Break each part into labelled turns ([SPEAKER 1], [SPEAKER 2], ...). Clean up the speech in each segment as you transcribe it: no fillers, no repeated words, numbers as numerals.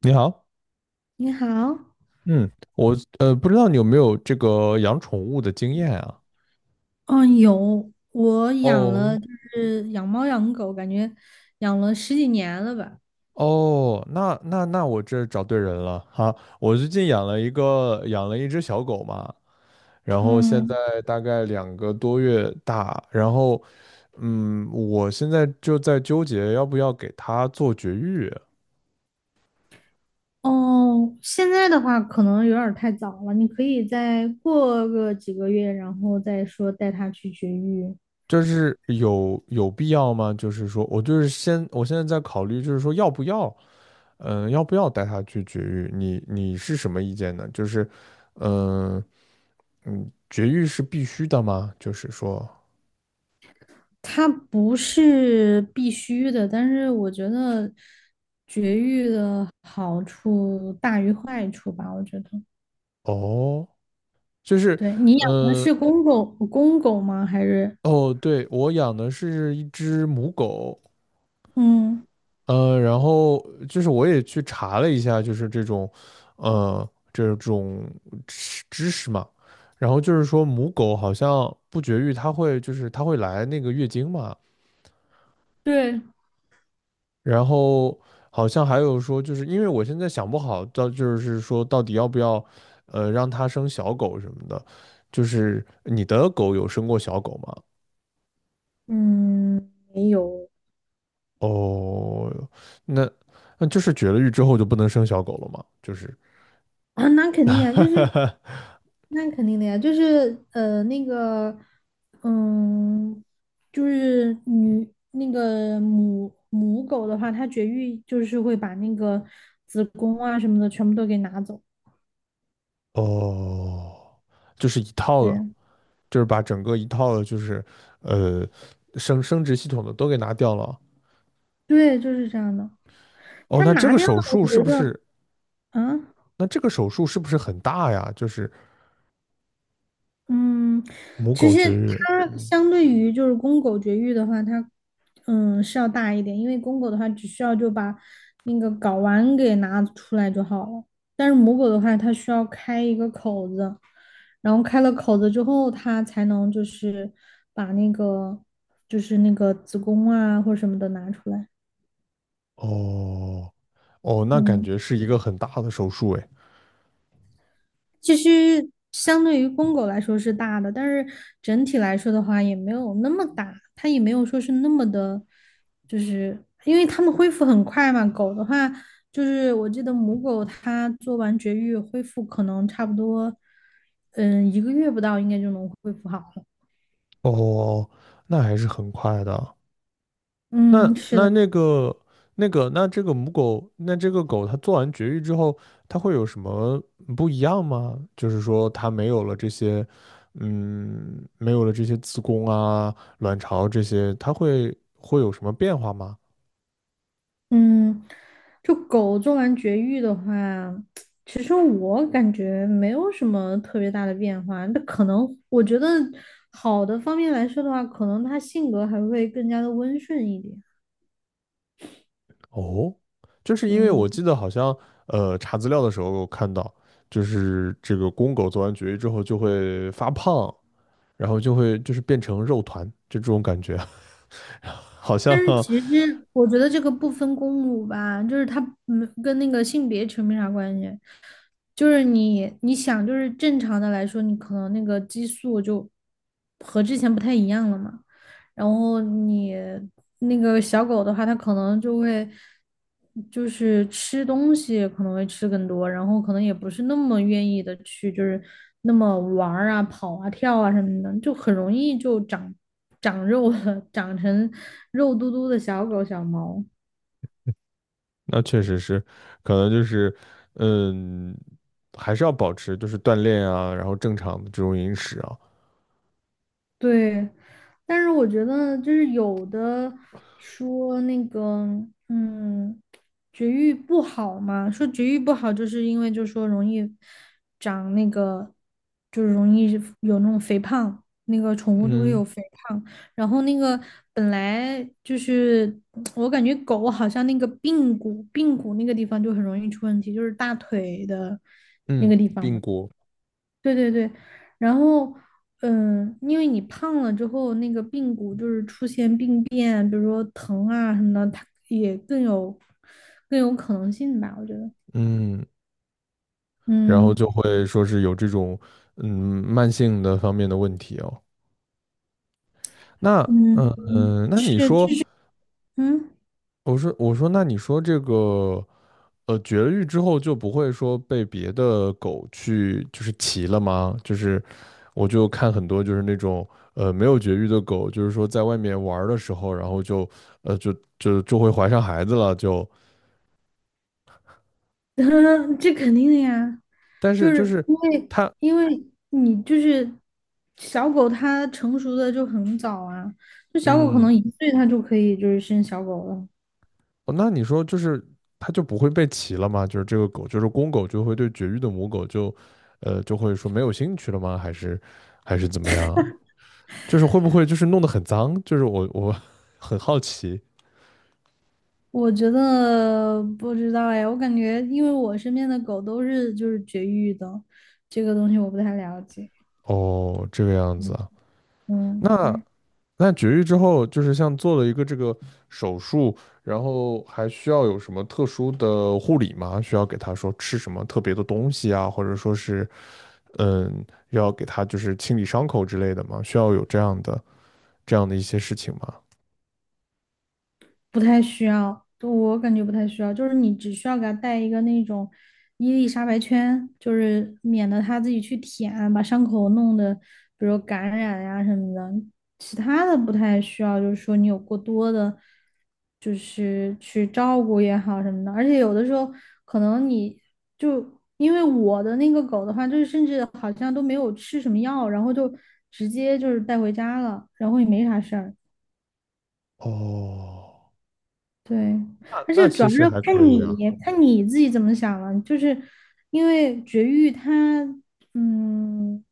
[SPEAKER 1] 你好，
[SPEAKER 2] 你好，
[SPEAKER 1] 嗯，我不知道你有没有这个养宠物的经验啊？
[SPEAKER 2] 嗯，有，我养了，
[SPEAKER 1] 哦
[SPEAKER 2] 就是养猫养狗，感觉养了十几年了吧。
[SPEAKER 1] 哦，那我这找对人了哈！我最近养了一只小狗嘛，然后现在
[SPEAKER 2] 嗯，
[SPEAKER 1] 大概2个多月大，然后我现在就在纠结要不要给它做绝育，
[SPEAKER 2] 哦，现在的话可能有点儿太早了，你可以再过个几个月，然后再说带它去绝育。
[SPEAKER 1] 就是有必要吗？就是说我就是先我现在在考虑，就是说要不要。要不要带它去绝育？你是什么意见呢？就是，嗯、绝育是必须的吗？就是说，
[SPEAKER 2] 它不是必须的，但是我觉得绝育的好处大于坏处吧，我觉得。
[SPEAKER 1] 哦，就是，
[SPEAKER 2] 对，你养的
[SPEAKER 1] 嗯、
[SPEAKER 2] 是公狗，公狗吗？还是？
[SPEAKER 1] 哦，对，我养的是一只母狗，
[SPEAKER 2] 嗯，
[SPEAKER 1] 然后就是我也去查了一下，就是这种，呃，这种知识嘛。然后就是说，母狗好像不绝育，它会来那个月经嘛，
[SPEAKER 2] 对。
[SPEAKER 1] 然后好像还有说，就是因为我现在想不好，到就是说到底要不要，让它生小狗什么的。就是你的狗有生过小狗吗？
[SPEAKER 2] 嗯，没有
[SPEAKER 1] 哦，那那就是绝了育之后就不能生小狗了吗？就是
[SPEAKER 2] 啊，那肯定呀，就是那肯定的呀，就是那个，嗯，就是那个母狗的话，它绝育就是会把那个子宫啊什么的全部都给拿走。
[SPEAKER 1] 哦，就是一套的，
[SPEAKER 2] 对，
[SPEAKER 1] 就是把整个一套的，就是呃生殖系统的都给拿掉了。
[SPEAKER 2] 对，就是这样的。
[SPEAKER 1] 哦，
[SPEAKER 2] 它拿掉了，我觉得，啊。
[SPEAKER 1] 那这个手术是不是很大呀？就是
[SPEAKER 2] 嗯，
[SPEAKER 1] 母
[SPEAKER 2] 其
[SPEAKER 1] 狗
[SPEAKER 2] 实
[SPEAKER 1] 绝育。
[SPEAKER 2] 它
[SPEAKER 1] 嗯。
[SPEAKER 2] 相对于就是公狗绝育的话，它是要大一点，因为公狗的话只需要就把那个睾丸给拿出来就好了，但是母狗的话，它需要开一个口子，然后开了口子之后，它才能就是把那个就是那个子宫啊或者什么的拿出来。
[SPEAKER 1] 哦，哦，那感
[SPEAKER 2] 嗯。
[SPEAKER 1] 觉是一个很大的手术诶。
[SPEAKER 2] 其实相对于公狗来说是大的，但是整体来说的话也没有那么大，它也没有说是那么的，就是因为它们恢复很快嘛。狗的话，就是我记得母狗它做完绝育恢复可能差不多，嗯，1个月不到应该就能恢复好了。
[SPEAKER 1] 哦，那还是很快的。那
[SPEAKER 2] 嗯，是
[SPEAKER 1] 那
[SPEAKER 2] 的。
[SPEAKER 1] 那个那这个狗它做完绝育之后，它会有什么不一样吗？就是说它没有了这些，没有了这些子宫啊、卵巢这些，它会有什么变化吗？
[SPEAKER 2] 嗯，就狗做完绝育的话，其实我感觉没有什么特别大的变化。那可能我觉得好的方面来说的话，可能它性格还会更加的温顺一点。
[SPEAKER 1] 哦，就是因为
[SPEAKER 2] 嗯，
[SPEAKER 1] 我记得好像查资料的时候我看到，就是这个公狗做完绝育之后就会发胖，然后就是变成肉团，就这种感觉，好像
[SPEAKER 2] 但是其实我觉得这个不分公母吧，就是它没跟那个性别扯没啥关系。就是你想，就是正常的来说，你可能那个激素就和之前不太一样了嘛。然后你那个小狗的话，它可能就会就是吃东西可能会吃更多，然后可能也不是那么愿意的去就是那么玩儿啊、跑啊、跳啊什么的，就很容易就长肉了，长成肉嘟嘟的小狗小猫。
[SPEAKER 1] 那确实是，可能就是嗯，还是要保持就是锻炼啊，然后正常的这种饮食啊，
[SPEAKER 2] 对，但是我觉得就是有的说那个，嗯，绝育不好嘛，说绝育不好，就是因为就说容易长那个，就是容易有那种肥胖，那个宠物都会有
[SPEAKER 1] 嗯
[SPEAKER 2] 肥胖。然后那个本来就是我感觉狗好像那个髌骨，髌骨那个地方就很容易出问题，就是大腿的那
[SPEAKER 1] 嗯，
[SPEAKER 2] 个地方
[SPEAKER 1] 髌
[SPEAKER 2] 嘛。
[SPEAKER 1] 骨，
[SPEAKER 2] 对对对，然后，嗯，因为你胖了之后，那个髌骨就是出现病变，比如说疼啊什么的，它也更有可能性吧，我觉得。
[SPEAKER 1] 嗯，然后
[SPEAKER 2] 嗯
[SPEAKER 1] 就会说是有这种嗯慢性的方面的问题哦。那
[SPEAKER 2] 嗯，
[SPEAKER 1] 嗯
[SPEAKER 2] 嗯
[SPEAKER 1] 嗯，那你
[SPEAKER 2] 是，就
[SPEAKER 1] 说，
[SPEAKER 2] 是嗯，
[SPEAKER 1] 我说，那你说这个绝育之后就不会说被别的狗去就是骑了吗？就是我就看很多就是那种没有绝育的狗，就是说在外面玩儿的时候，然后就会怀上孩子了，就
[SPEAKER 2] 这肯定的呀，
[SPEAKER 1] 但
[SPEAKER 2] 就
[SPEAKER 1] 是就
[SPEAKER 2] 是
[SPEAKER 1] 是
[SPEAKER 2] 因为
[SPEAKER 1] 它
[SPEAKER 2] 因为你就是小狗，它成熟的就很早啊，就小狗可
[SPEAKER 1] 嗯
[SPEAKER 2] 能1岁它就可以就是生小狗了。
[SPEAKER 1] 哦，那你说就是它就不会被骑了吗？就是这个狗就是公狗就会对绝育的母狗就会说没有兴趣了吗？还是怎么样？就是会不会就是弄得很脏？就是我 很好奇
[SPEAKER 2] 我觉得不知道哎，我感觉因为我身边的狗都是就是绝育的，这个东西我不太了解。
[SPEAKER 1] 哦，这个样子
[SPEAKER 2] 嗯
[SPEAKER 1] 啊。
[SPEAKER 2] 嗯，
[SPEAKER 1] 那
[SPEAKER 2] 对。
[SPEAKER 1] 那绝育之后，就是像做了一个这个手术，然后还需要有什么特殊的护理吗？需要给他说吃什么特别的东西啊，或者说是嗯，要给他就是清理伤口之类的吗？需要有这样的一些事情吗？
[SPEAKER 2] 不太需要，对我感觉不太需要，就是你只需要给它带一个那种伊丽莎白圈，就是免得它自己去舔啊，把伤口弄得比如感染呀、什么的。其他的不太需要，就是说你有过多的，就是去照顾也好什么的。而且有的时候可能你就因为我的那个狗的话，就是甚至好像都没有吃什么药，然后就直接就是带回家了，然后也没啥事儿。
[SPEAKER 1] 哦，
[SPEAKER 2] 对，
[SPEAKER 1] 那
[SPEAKER 2] 而且
[SPEAKER 1] 那
[SPEAKER 2] 主
[SPEAKER 1] 其
[SPEAKER 2] 要是
[SPEAKER 1] 实还可
[SPEAKER 2] 看
[SPEAKER 1] 以
[SPEAKER 2] 你
[SPEAKER 1] 啊。
[SPEAKER 2] 看你自己怎么想了，就是因为绝育它，嗯，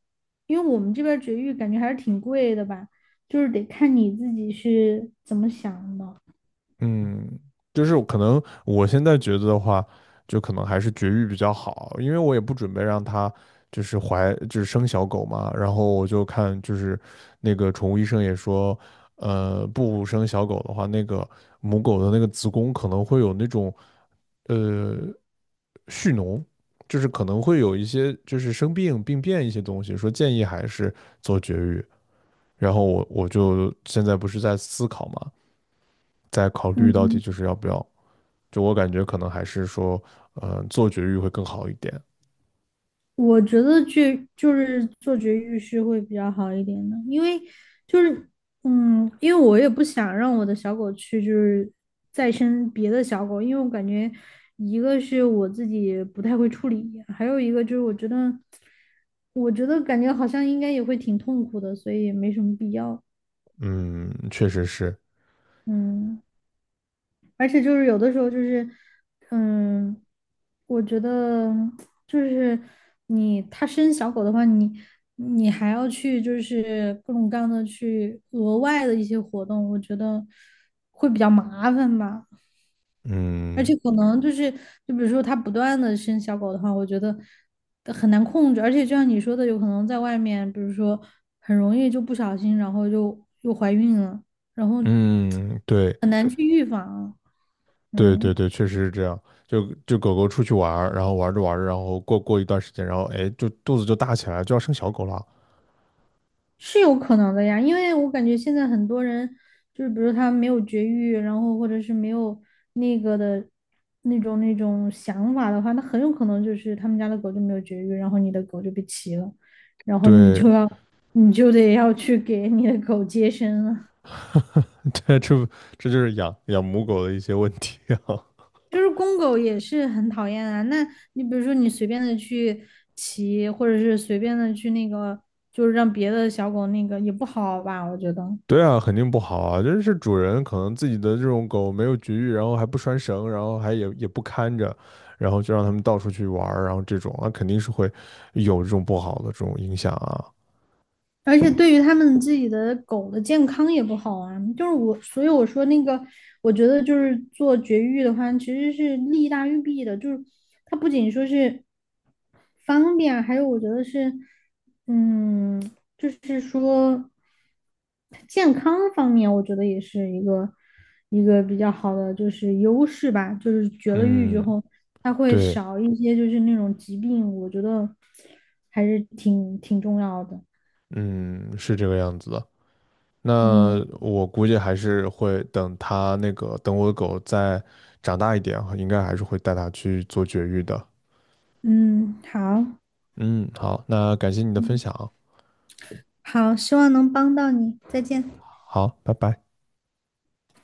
[SPEAKER 2] 因为我们这边儿绝育感觉还是挺贵的吧，就是得看你自己是怎么想的。
[SPEAKER 1] 嗯，就是可能我现在觉得的话，就可能还是绝育比较好，因为我也不准备让它就是怀就是生小狗嘛。然后我就看就是那个宠物医生也说，不生小狗的话，那个母狗的那个子宫可能会有那种呃蓄脓，就是可能会有一些就是病变一些东西，说建议还是做绝育。然后我就现在不是在思考嘛，在考虑到底就
[SPEAKER 2] 嗯
[SPEAKER 1] 是要不要。就我感觉可能还是说，做绝育会更好一点。
[SPEAKER 2] 我觉得去就是做绝育是会比较好一点的，因为就是嗯，因为我也不想让我的小狗去就是再生别的小狗，因为我感觉一个是我自己不太会处理，还有一个就是我觉得感觉好像应该也会挺痛苦的，所以也没什么必要。
[SPEAKER 1] 嗯，确实是，
[SPEAKER 2] 嗯，而且就是有的时候就是，嗯，我觉得就是你它生小狗的话，你还要去就是各种各样的去额外的一些活动，我觉得会比较麻烦吧。而
[SPEAKER 1] 嗯
[SPEAKER 2] 且可能就是，就比如说它不断的生小狗的话，我觉得很难控制。而且就像你说的，有可能在外面，比如说很容易就不小心，然后就又怀孕了，然后
[SPEAKER 1] 嗯，对
[SPEAKER 2] 很难去预防。
[SPEAKER 1] 对对
[SPEAKER 2] 嗯。
[SPEAKER 1] 对，确实是这样。就狗狗出去玩儿，然后玩着玩着，然后过一段时间，然后哎，就肚子就大起来，就要生小狗了。
[SPEAKER 2] 是有可能的呀，因为我感觉现在很多人就是，比如他没有绝育，然后或者是没有那个的那种想法的话，那很有可能就是他们家的狗就没有绝育，然后你的狗就被骑了，然后
[SPEAKER 1] 对，
[SPEAKER 2] 你就得要去给你的狗接生了。
[SPEAKER 1] 这这这就是养母狗的一些问题啊。
[SPEAKER 2] 就是公狗也是很讨厌啊，那你比如说你随便的去骑，或者是随便的去那个，就是让别的小狗那个也不好吧，我觉得。
[SPEAKER 1] 对啊，肯定不好啊！就是主人可能自己的这种狗没有绝育，然后还不拴绳，然后还也不看着，然后就让它们到处去玩儿，然后这种那肯定是会有这种不好的这种影响啊。
[SPEAKER 2] 而且对于他们自己的狗的健康也不好啊，就是我，所以我说那个，我觉得就是做绝育的话，其实是利大于弊的，就是它不仅说是方便啊还有我觉得是，嗯，就是说健康方面，我觉得也是一个比较好的就是优势吧，就是绝了育之
[SPEAKER 1] 嗯，
[SPEAKER 2] 后，它会
[SPEAKER 1] 对，
[SPEAKER 2] 少一些就是那种疾病，我觉得还是挺重要的。
[SPEAKER 1] 嗯，是这个样子的。那
[SPEAKER 2] 嗯，
[SPEAKER 1] 我估计还是会等它那个等我的狗再长大一点啊，应该还是会带它去做绝育的。
[SPEAKER 2] 嗯，好，
[SPEAKER 1] 嗯，好，那感谢你的分
[SPEAKER 2] 嗯，
[SPEAKER 1] 享，
[SPEAKER 2] 好，希望能帮到你，再见。
[SPEAKER 1] 好，拜拜。